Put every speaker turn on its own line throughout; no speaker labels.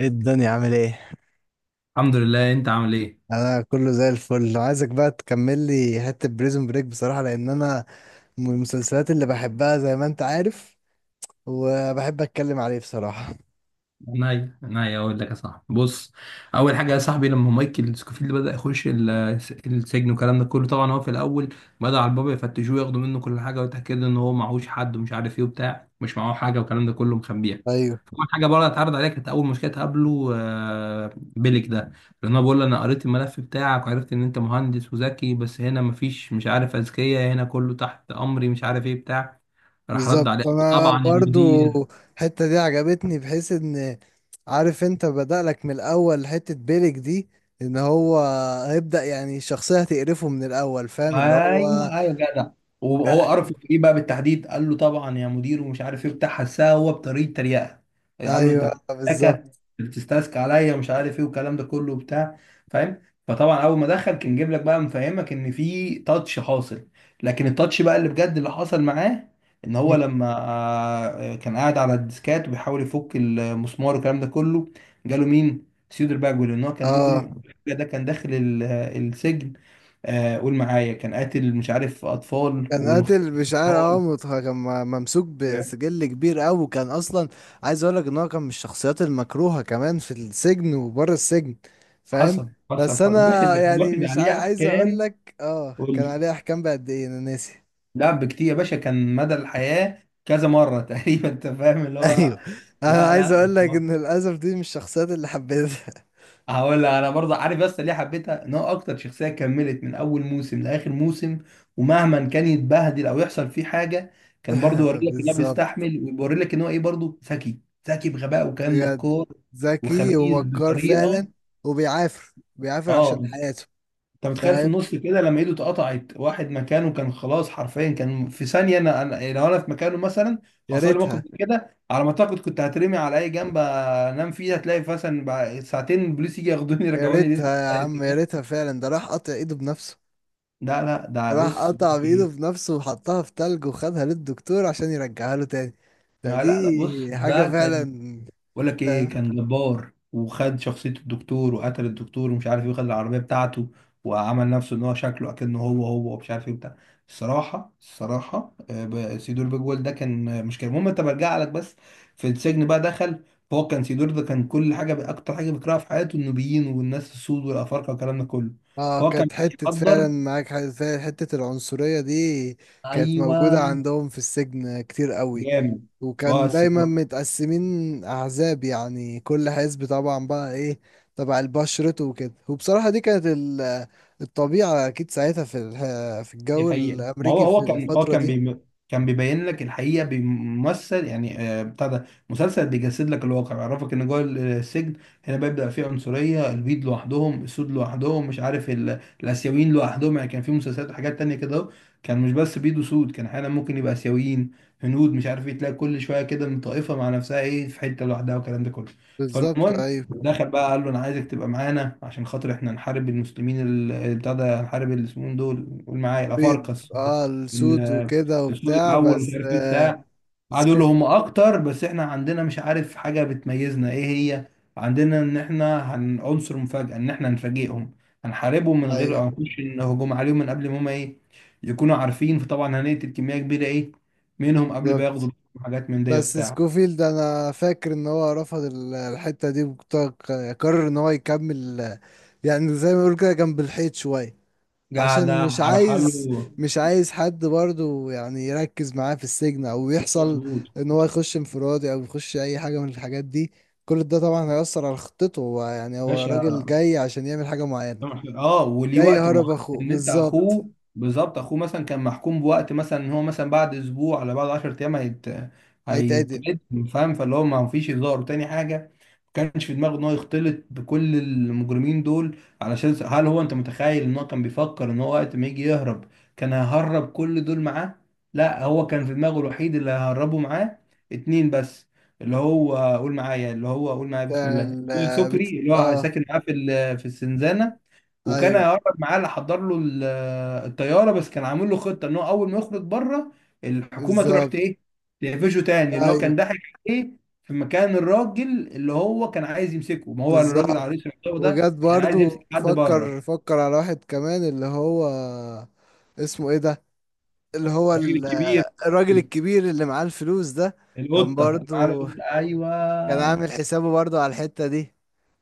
ايه الدنيا عامل ايه؟
الحمد لله، انت عامل ايه؟
انا كله زي الفل، عايزك بقى تكمل لي حته بريزون بريك بصراحه، لان انا من المسلسلات اللي بحبها زي ما انت عارف، وبحب اتكلم عليه بصراحه.
ناي اقول لك يا صاحبي، بص. اول حاجه يا صاحبي، لما مايكل سكوفيلد بدا يخش السجن والكلام ده كله، طبعا هو في الاول بدا على البابا يفتشوه، ياخدوا منه كل حاجه ويتاكدوا ان هو معهوش حد ومش عارف ايه وبتاع، مش معاه حاجه والكلام ده كله مخبيها.
ايوه،
اول حاجه بره اتعرض عليها كانت اول مشكله تقابله بيلك ده، لان هو بيقول له انا قريت الملف بتاعك وعرفت ان انت مهندس وذكي، بس هنا مفيش مش عارف اذكياء، هنا كله تحت امري مش عارف ايه بتاع. راح رد عليه
بالظبط، انا
طبعا
برضو
المدير.
الحته دي عجبتني، بحيث ان عارف انت، بدأ لك من الاول حته بيلك دي، ان هو هيبدأ، يعني الشخصيه هتقرفه من الاول، فاهم اللي هو؟
ايوه ايوه جدع. وهو عرف في ايه بقى بالتحديد؟ قال له طبعا يا مدير ومش عارف ايه بتاع، حسها هو بطريقه تريقه. قال له انت
ايوه،
بتستسكى،
بالظبط.
بتستسكى عليا ومش عارف ايه والكلام ده كله وبتاع. فاهم؟ فطبعا اول ما دخل كان جايب لك بقى مفهمك ان في تاتش حاصل. لكن التاتش بقى اللي بجد اللي حصل معاه، ان هو لما كان قاعد على الديسكات وبيحاول يفك المسمار والكلام ده كله، جاله مين؟ سيودر باجول. ان هو كان
اه،
مجرم، ده كان داخل السجن. قول معايا، كان قاتل مش عارف اطفال
كان
ومختلف.
قاتل بشعار، اه
اطفال.
ممسوك بسجل كبير قوي، وكان اصلا عايز اقول لك ان هو كان من الشخصيات المكروهه كمان في السجن وبره السجن، فاهم؟
حصل حصل
بس
حصل باشا،
انا
ده كان
يعني
واخد
مش
عليه
عايز اقول
احكام.
لك، اه
قول
كان
لي.
عليه احكام بقد ايه انا ناسي
لا بكتير يا باشا، كان مدى الحياه كذا مره تقريبا، انت فاهم اللي هو.
ايوه، انا
لا
عايز
لا.
اقول لك ان للاسف دي مش الشخصيات اللي حبيتها.
هقول لك انا برضه عارف بس ليه حبيتها، ان هو اكتر شخصيه كملت من اول موسم لاخر موسم، ومهما كان يتبهدل او يحصل فيه حاجه، كان برضه يوري لك ان هو
بالظبط،
بيستحمل ويوري لك ان هو ايه، برضه ذكي. ذكي بغباء، وكان
بجد،
مكار
ذكي
وخبيث
ومكار فعلا،
بطريقه.
وبيعافر بيعافر
اه.
عشان حياته،
انت متخيل في
فاهم؟
النص كده لما ايده اتقطعت واحد مكانه؟ كان خلاص، حرفيا كان في ثانيه أنا لو انا في مكانه مثلا،
يا
حصل لي موقف
ريتها،
زي كده على ما اعتقد، كنت هترمي على اي جنب انام فيه، هتلاقي مثلا بعد ساعتين البوليس يجي ياخدوني
يا
يرجعوني لسه
ريتها يا
يعني
عم، يا
كده.
ريتها فعلا، ده راح قطع ايده بنفسه،
لا ده
راح
بص.
قطع بايده بنفسه، وحطها في تلج، وخدها للدكتور عشان يرجعها له تاني. ده
لا بص،
دي حاجة
ده كان
فعلا،
بقول لك ايه،
فاهم؟
كان جبار. وخد شخصية الدكتور وقتل الدكتور ومش عارف ايه، وخد العربية بتاعته، وعمل نفسه ان هو شكله اكنه هو هو، ومش عارف ايه بتاع. الصراحة سيدور بيجوال ده كان مشكلة. المهم انت، برجع لك بس. في السجن بقى دخل، فهو كان سيدور ده كان كل حاجة، اكتر حاجة بيكرهها في حياته النوبيين والناس السود والافارقة والكلام ده كله.
اه،
فهو كان
كانت حتة فعلا،
بيقدر.
معاك حاجة فعلا، حتة العنصرية دي كانت
ايوه.
موجودة عندهم في السجن كتير قوي،
جامد.
وكان
بس
دايما متقسمين احزاب، يعني كل حزب طبعا بقى ايه، تبع البشرته وكده، وبصراحة دي كانت الطبيعة اكيد ساعتها في في
دي
الجو
حقيقة، ما هو
الامريكي في
هو كان هو
الفترة
كان
دي.
بي كان بيبين لك الحقيقة، بيمثل يعني بتاع، ده مسلسل بيجسد لك الواقع، بيعرفك ان جوه السجن هنا بيبدأ فيه عنصرية. البيض لوحدهم، السود لوحدهم، مش عارف الآسيويين لوحدهم. يعني كان في مسلسلات وحاجات تانية كده أهو، كان مش بس بيض وسود، كان احيانا ممكن يبقى آسيويين، هنود، مش عارف ايه، تلاقي كل شوية كده من طائفة مع نفسها ايه في حتة لوحدها والكلام ده كله.
بالظبط،
فالمهم
ايوه،
دخل بقى، قال له انا عايزك تبقى معانا عشان خاطر احنا نحارب المسلمين اللي بتاع ده، نحارب اللي اسمهم دول، قول معايا،
بيض
الافارقه
اه، السود
ال-
وكده
الصوت
وبتاع،
الاول مش
بس
عارف ايه
آه،
بتاع. قعدوا يقولوا
سكوف.
هم اكتر، بس احنا عندنا مش عارف حاجه بتميزنا. ايه هي؟ عندنا ان احنا هن عنصر مفاجاه، ان احنا هنفاجئهم، هنحاربهم من غير
ايوه،
هنخش إن هجوم عليهم من قبل ما هم ايه يكونوا عارفين. فطبعا هنقتل كميه كبيره ايه منهم قبل ما
بالظبط.
ياخدوا حاجات من دي
بس
وبتاع.
سكوفيلد ده انا فاكر ان هو رفض الحتة دي، وقرر ان هو يكمل، يعني زي ما بيقولوا كده، جنب الحيط شوية،
قاعد
عشان مش
على
عايز
حاله.
مش عايز حد برضو يعني يركز معاه في السجن، او يحصل
مظبوط.
ان هو يخش انفرادي، او يخش اي حاجة من الحاجات دي. كل ده طبعا هيأثر على خطته، هو يعني هو
باشا،
راجل جاي عشان يعمل حاجة معينة،
طبعاً إحنا، اه، وليه
جاي
وقت معين.
هرب اخوه
ان انت
بالظبط،
اخوه بالظبط. اخوه مثلا كان محكوم بوقت، مثلا ان هو مثلا بعد اسبوع ولا بعد 10 ايام
هيتعدم.
هيترد. فاهم؟ فاللي هو ما فيش هزار وتاني حاجه، ما كانش في دماغه ان هو يختلط بكل المجرمين دول. هل هو، انت متخيل ان هو كان بيفكر ان هو وقت ما يجي يهرب كان هيهرب كل دول معاه؟ لا، هو كان في دماغه الوحيد اللي هيهربه معاه اتنين بس، اللي هو قول معايا، اللي هو قول معايا، بسم الله، اللي هو سكري، اللي هو
اه.
ساكن معاه في في السنزانه، وكان
ايوه،
هيقرب معاه اللي حضر له الطياره. بس كان عامل له خطه ان هو اول ما يخرج بره، الحكومه تروح
بالظبط.
ايه، تقفشه تاني. اللي هو
ايوه،
كان ضحك عليه في مكان الراجل اللي هو كان عايز يمسكه، ما هو الراجل
بالظبط،
عريس العقاب ده
وجات
كان عايز
برضو،
يمسك حد بره.
فكر فكر على واحد كمان اللي هو اسمه ايه ده، اللي هو
الراجل الكبير.
الراجل الكبير اللي معاه الفلوس ده، كان
القطه، اللي معاه
برضو
القطة.
كان
ايوه
عامل حسابه برضو على الحتة دي،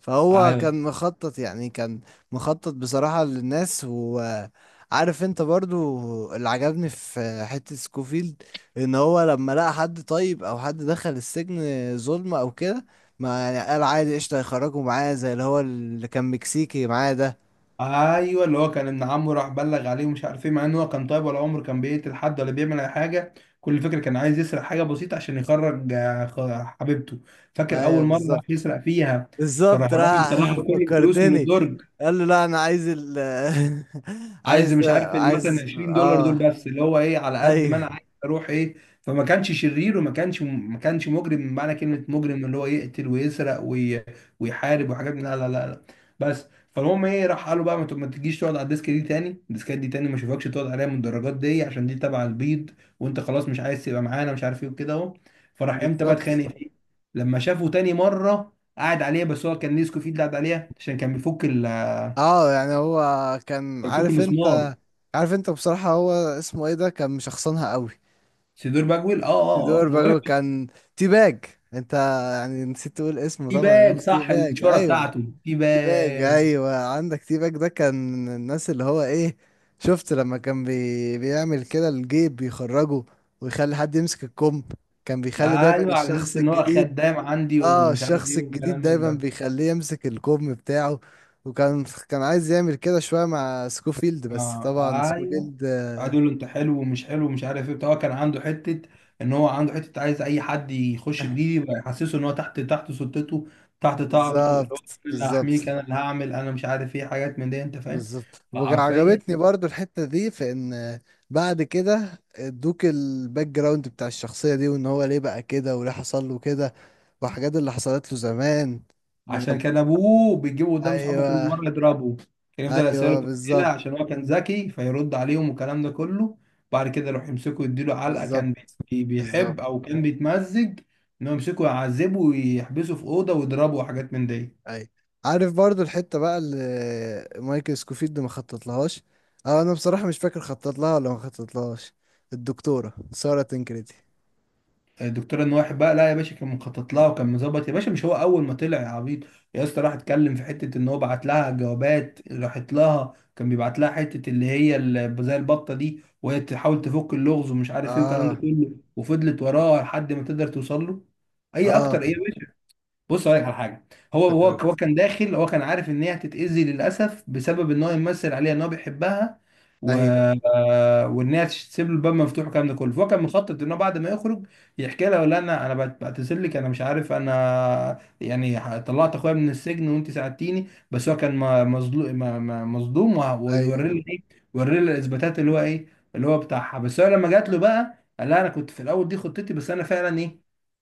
فهو
ايوه
كان مخطط، يعني كان مخطط بصراحة للناس، وعارف انت برضو اللي عجبني في حتة سكوفيلد، ان هو لما لقى حد طيب او حد دخل السجن ظلم او كده، ما يعني قال عادي قشطة، هيخرجوا معاه زي اللي هو اللي كان مكسيكي معاه ده.
ايوه، اللي هو كان ابن عمه راح بلغ عليه ومش عارف ايه، مع ان هو كان طيب ولا عمره كان بيقتل حد ولا بيعمل اي حاجه. كل فكره كان عايز يسرق حاجه بسيطه عشان يخرج حبيبته. فاكر اول
ايوه،
مره راح
بالظبط.
يسرق فيها؟
بالظبط،
فراح الراجل
راح
طلع له كل الفلوس من
فكرتني.
الدرج،
قال له لا، انا عايز
عايز
عايز،
مش عارف مثلا
عايز
20 دولار دول
اه.
بس، اللي هو ايه على قد ما انا
ايوه،
عايز اروح ايه. فما كانش شرير، وما كانش ما كانش مجرم بمعنى كلمه مجرم، اللي هو يقتل ويسرق ويحارب وحاجات لا لا لا لا، بس. فالمهم ايه، راح قالوا بقى ما تجيش تقعد على الديسك دي تاني، الديسكات دي تاني ما اشوفكش تقعد عليها من الدرجات دي، عشان دي تبع البيض وانت خلاص مش عايز تبقى معانا، مش عارف ايه وكده اهو. فراح امتى بقى
بالظبط.
اتخانق فيه؟ لما شافه تاني مره قاعد عليها، بس هو كان نيسكو فيه اللي قاعد عليها عشان كان بيفك
اه، يعني هو كان عارف
المسمار.
انت، عارف انت بصراحة، هو اسمه ايه ده، كان مشخصنها قوي.
سيدور باجويل، اه اه اه،
تيدور
ما
باجو،
بقولك.
كان تي باج، انت يعني نسيت تقول اسمه،
تي باج،
طبعا تي
صح،
باج،
الشهرة
ايوه.
بتاعته تي
تي باج
باج.
ايوه، عندك تي باج ده، كان الناس اللي هو ايه، شفت لما كان بيعمل كده، الجيب بيخرجه، ويخلي حد يمسك الكم، كان بيخلي دايما
ايوه، على اساس
الشخص
ان هو
الجديد.
خدام عندي
اه،
ومش عارف
الشخص
ايه والكلام
الجديد
من
دايما
ده.
بيخليه يمسك الكم بتاعه، وكان عايز يعمل كده شوية مع سكوفيلد، بس
آه
طبعا
ايوه.
سكوفيلد.
قعدوا يقولوا انت حلو ومش حلو ومش عارف ايه بتاع. هو كان عنده حته، ان هو عنده حته عايز اي حد يخش جديد يبقى يحسسه ان هو تحت سلطته، تحت طاعته، اللي هو أنا
بالظبط،
اللي
بالظبط،
هحميك، انا اللي هعمل انا مش عارف ايه، حاجات من دي، انت فاهم.
بالظبط،
فحرفيا
وعجبتني برضو الحتة دي في ان بعد كده ادوك الباك جراوند بتاع الشخصية دي، وان هو ليه بقى كده وليه حصل له كده، وحاجات اللي حصلت له زمان من
عشان كان
ابوه.
ابوه بيجيبه قدام صحابه كل
ايوه،
مره يضربه، كان يفضل يساله
ايوه،
في الاسئله
بالظبط،
عشان هو كان ذكي فيرد عليهم والكلام ده كله، بعد كده يروح يمسكه يديله علقه.
بالظبط،
كان
بالظبط.
بيحب او كان بيتمزج انه يمسكه يعذبه ويحبسه في اوضه ويضربه وحاجات من دي.
ايوه، عارف برضو الحتة بقى اللي مايكل سكوفيلد ما خطط لهاش. اه انا بصراحة مش فاكر خطط لها ولا ما خطط لهاش، الدكتورة سارة تنكريتي.
الدكتور انواح بقى، لا يا باشا كان مخطط لها، وكان مظبط يا باشا، مش هو اول ما طلع يا عبيط يا اسطى راح اتكلم في حته، ان هو بعت لها جوابات، راحت لها كان بيبعت لها حته اللي هي زي البطه دي وهي تحاول تفك اللغز ومش عارف ايه والكلام ده
اه،
كله، وفضلت وراه لحد ما تقدر توصل له. اي اكتر
اه،
ايه يا باشا. بص هقول لك على حاجه. هو هو
افتكرت.
هو كان داخل هو كان عارف ان هي هتتاذي للاسف، بسبب ان هو يمثل عليها ان هو بيحبها و...
ايوه،
آه، وان هي تسيب له الباب مفتوح والكلام ده كله. فهو كان مخطط ان هو بعد ما يخرج يحكي لها، ولا انا، بعتذر لك انا مش عارف انا يعني طلعت اخويا من السجن وانت ساعدتيني، بس هو كان مظلوم، مظلوم ويوري
ايوه،
لي ايه، يوري لي الاثباتات اللي هو ايه اللي هو بتاعها. بس هو لما جات له بقى قال لها انا كنت في الاول دي خطتي، بس انا فعلا ايه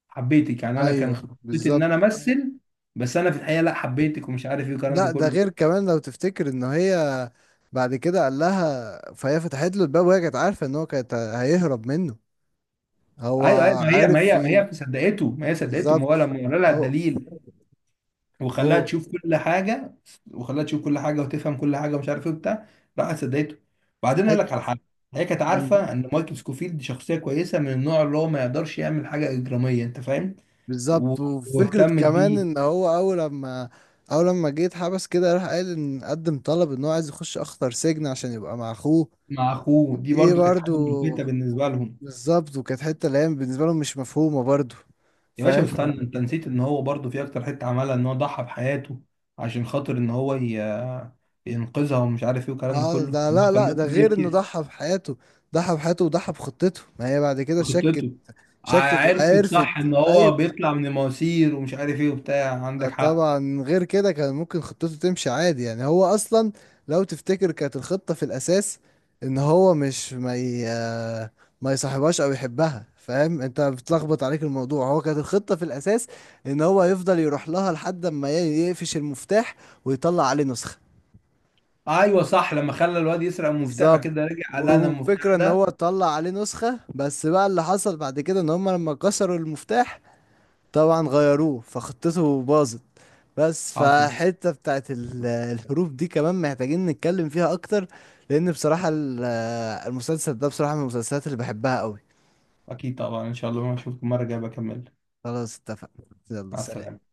حبيتك، يعني انا كان
ايوه،
خطتي ان انا
بالظبط.
امثل، بس انا في الحقيقه لا حبيتك ومش عارف ايه والكلام ده
لا ده
كله.
غير كمان، لو تفتكر ان هي بعد كده قال لها، فهي فتحت له الباب، وهي كانت عارفه ان هو كانت هيهرب منه. هو
ايوه ايوه، ما هي ما
عارف
هي ما
ي-
هي صدقته، ما هي صدقته، ما هو
بالظبط،
لما ورى لها
هو
الدليل وخلاها
هو
تشوف كل حاجه، وخلاها تشوف كل حاجه وتفهم كل حاجه ومش عارف ايه وبتاع، راحت صدقته. بعدين اقول لك على
حت-
حاجه، هي كانت
مم.
عارفه ان مايكل سكوفيلد شخصيه كويسه من النوع اللي هو ما يقدرش يعمل حاجه اجراميه، انت فاهم. و-
بالظبط، وفكره
واهتمت
كمان
بيه.
ان هو اول لما جه اتحبس كده، راح قال ان قدم طلب، ان هو عايز يخش اخطر سجن عشان يبقى مع اخوه.
مع اخوه، دي
ايه
برضو كانت حاجه
برضو،
ملفتة بالنسبه لهم.
بالظبط، وكانت حته اللي هي بالنسبه لهم مش مفهومه برضو،
يا باشا
فاهم؟
استنى، انت نسيت ان هو برضو في اكتر حته عملها، ان هو ضحى بحياته عشان خاطر ان هو ينقذها ومش عارف ايه والكلام ده
اه
كله.
ده
هو
لا
كان
لا، ده
ممكن
غير انه
يبكي.
ضحى بحياته، ضحى بحياته وضحى بخطته، ما هي بعد كده شكت،
خطته.
شكت
عرفت
وعرفت.
صح ان هو
ايوه،
بيطلع من المواسير ومش عارف ايه وبتاع، عندك حق.
طبعا غير كده كان ممكن خطته تمشي عادي، يعني هو اصلا لو تفتكر كانت الخطة في الاساس، ان هو مش ما ي... آه، ما يصاحبهاش او يحبها، فاهم انت بتلخبط عليك الموضوع، هو كانت الخطة في الاساس ان هو يفضل يروح لها لحد ما يقفش المفتاح، ويطلع عليه نسخة.
ايوه صح، لما خلى الواد يسرق المفتاح بعد
بالظبط،
كده رجع قال انا المفتاح
وفكرة ان هو
ده.
طلع عليه نسخة، بس بقى اللي حصل بعد كده ان هم لما كسروا المفتاح، طبعا غيروه، فخطته باظت. بس
حاصل.
فحتة بتاعت الحروف دي كمان محتاجين نتكلم فيها اكتر، لان بصراحة المسلسل ده بصراحة من المسلسلات اللي بحبها قوي.
اكيد طبعا ان شاء الله ما اشوفكم المره الجايه بكمل.
خلاص، اتفقنا، يلا
مع
سلام.
السلامه.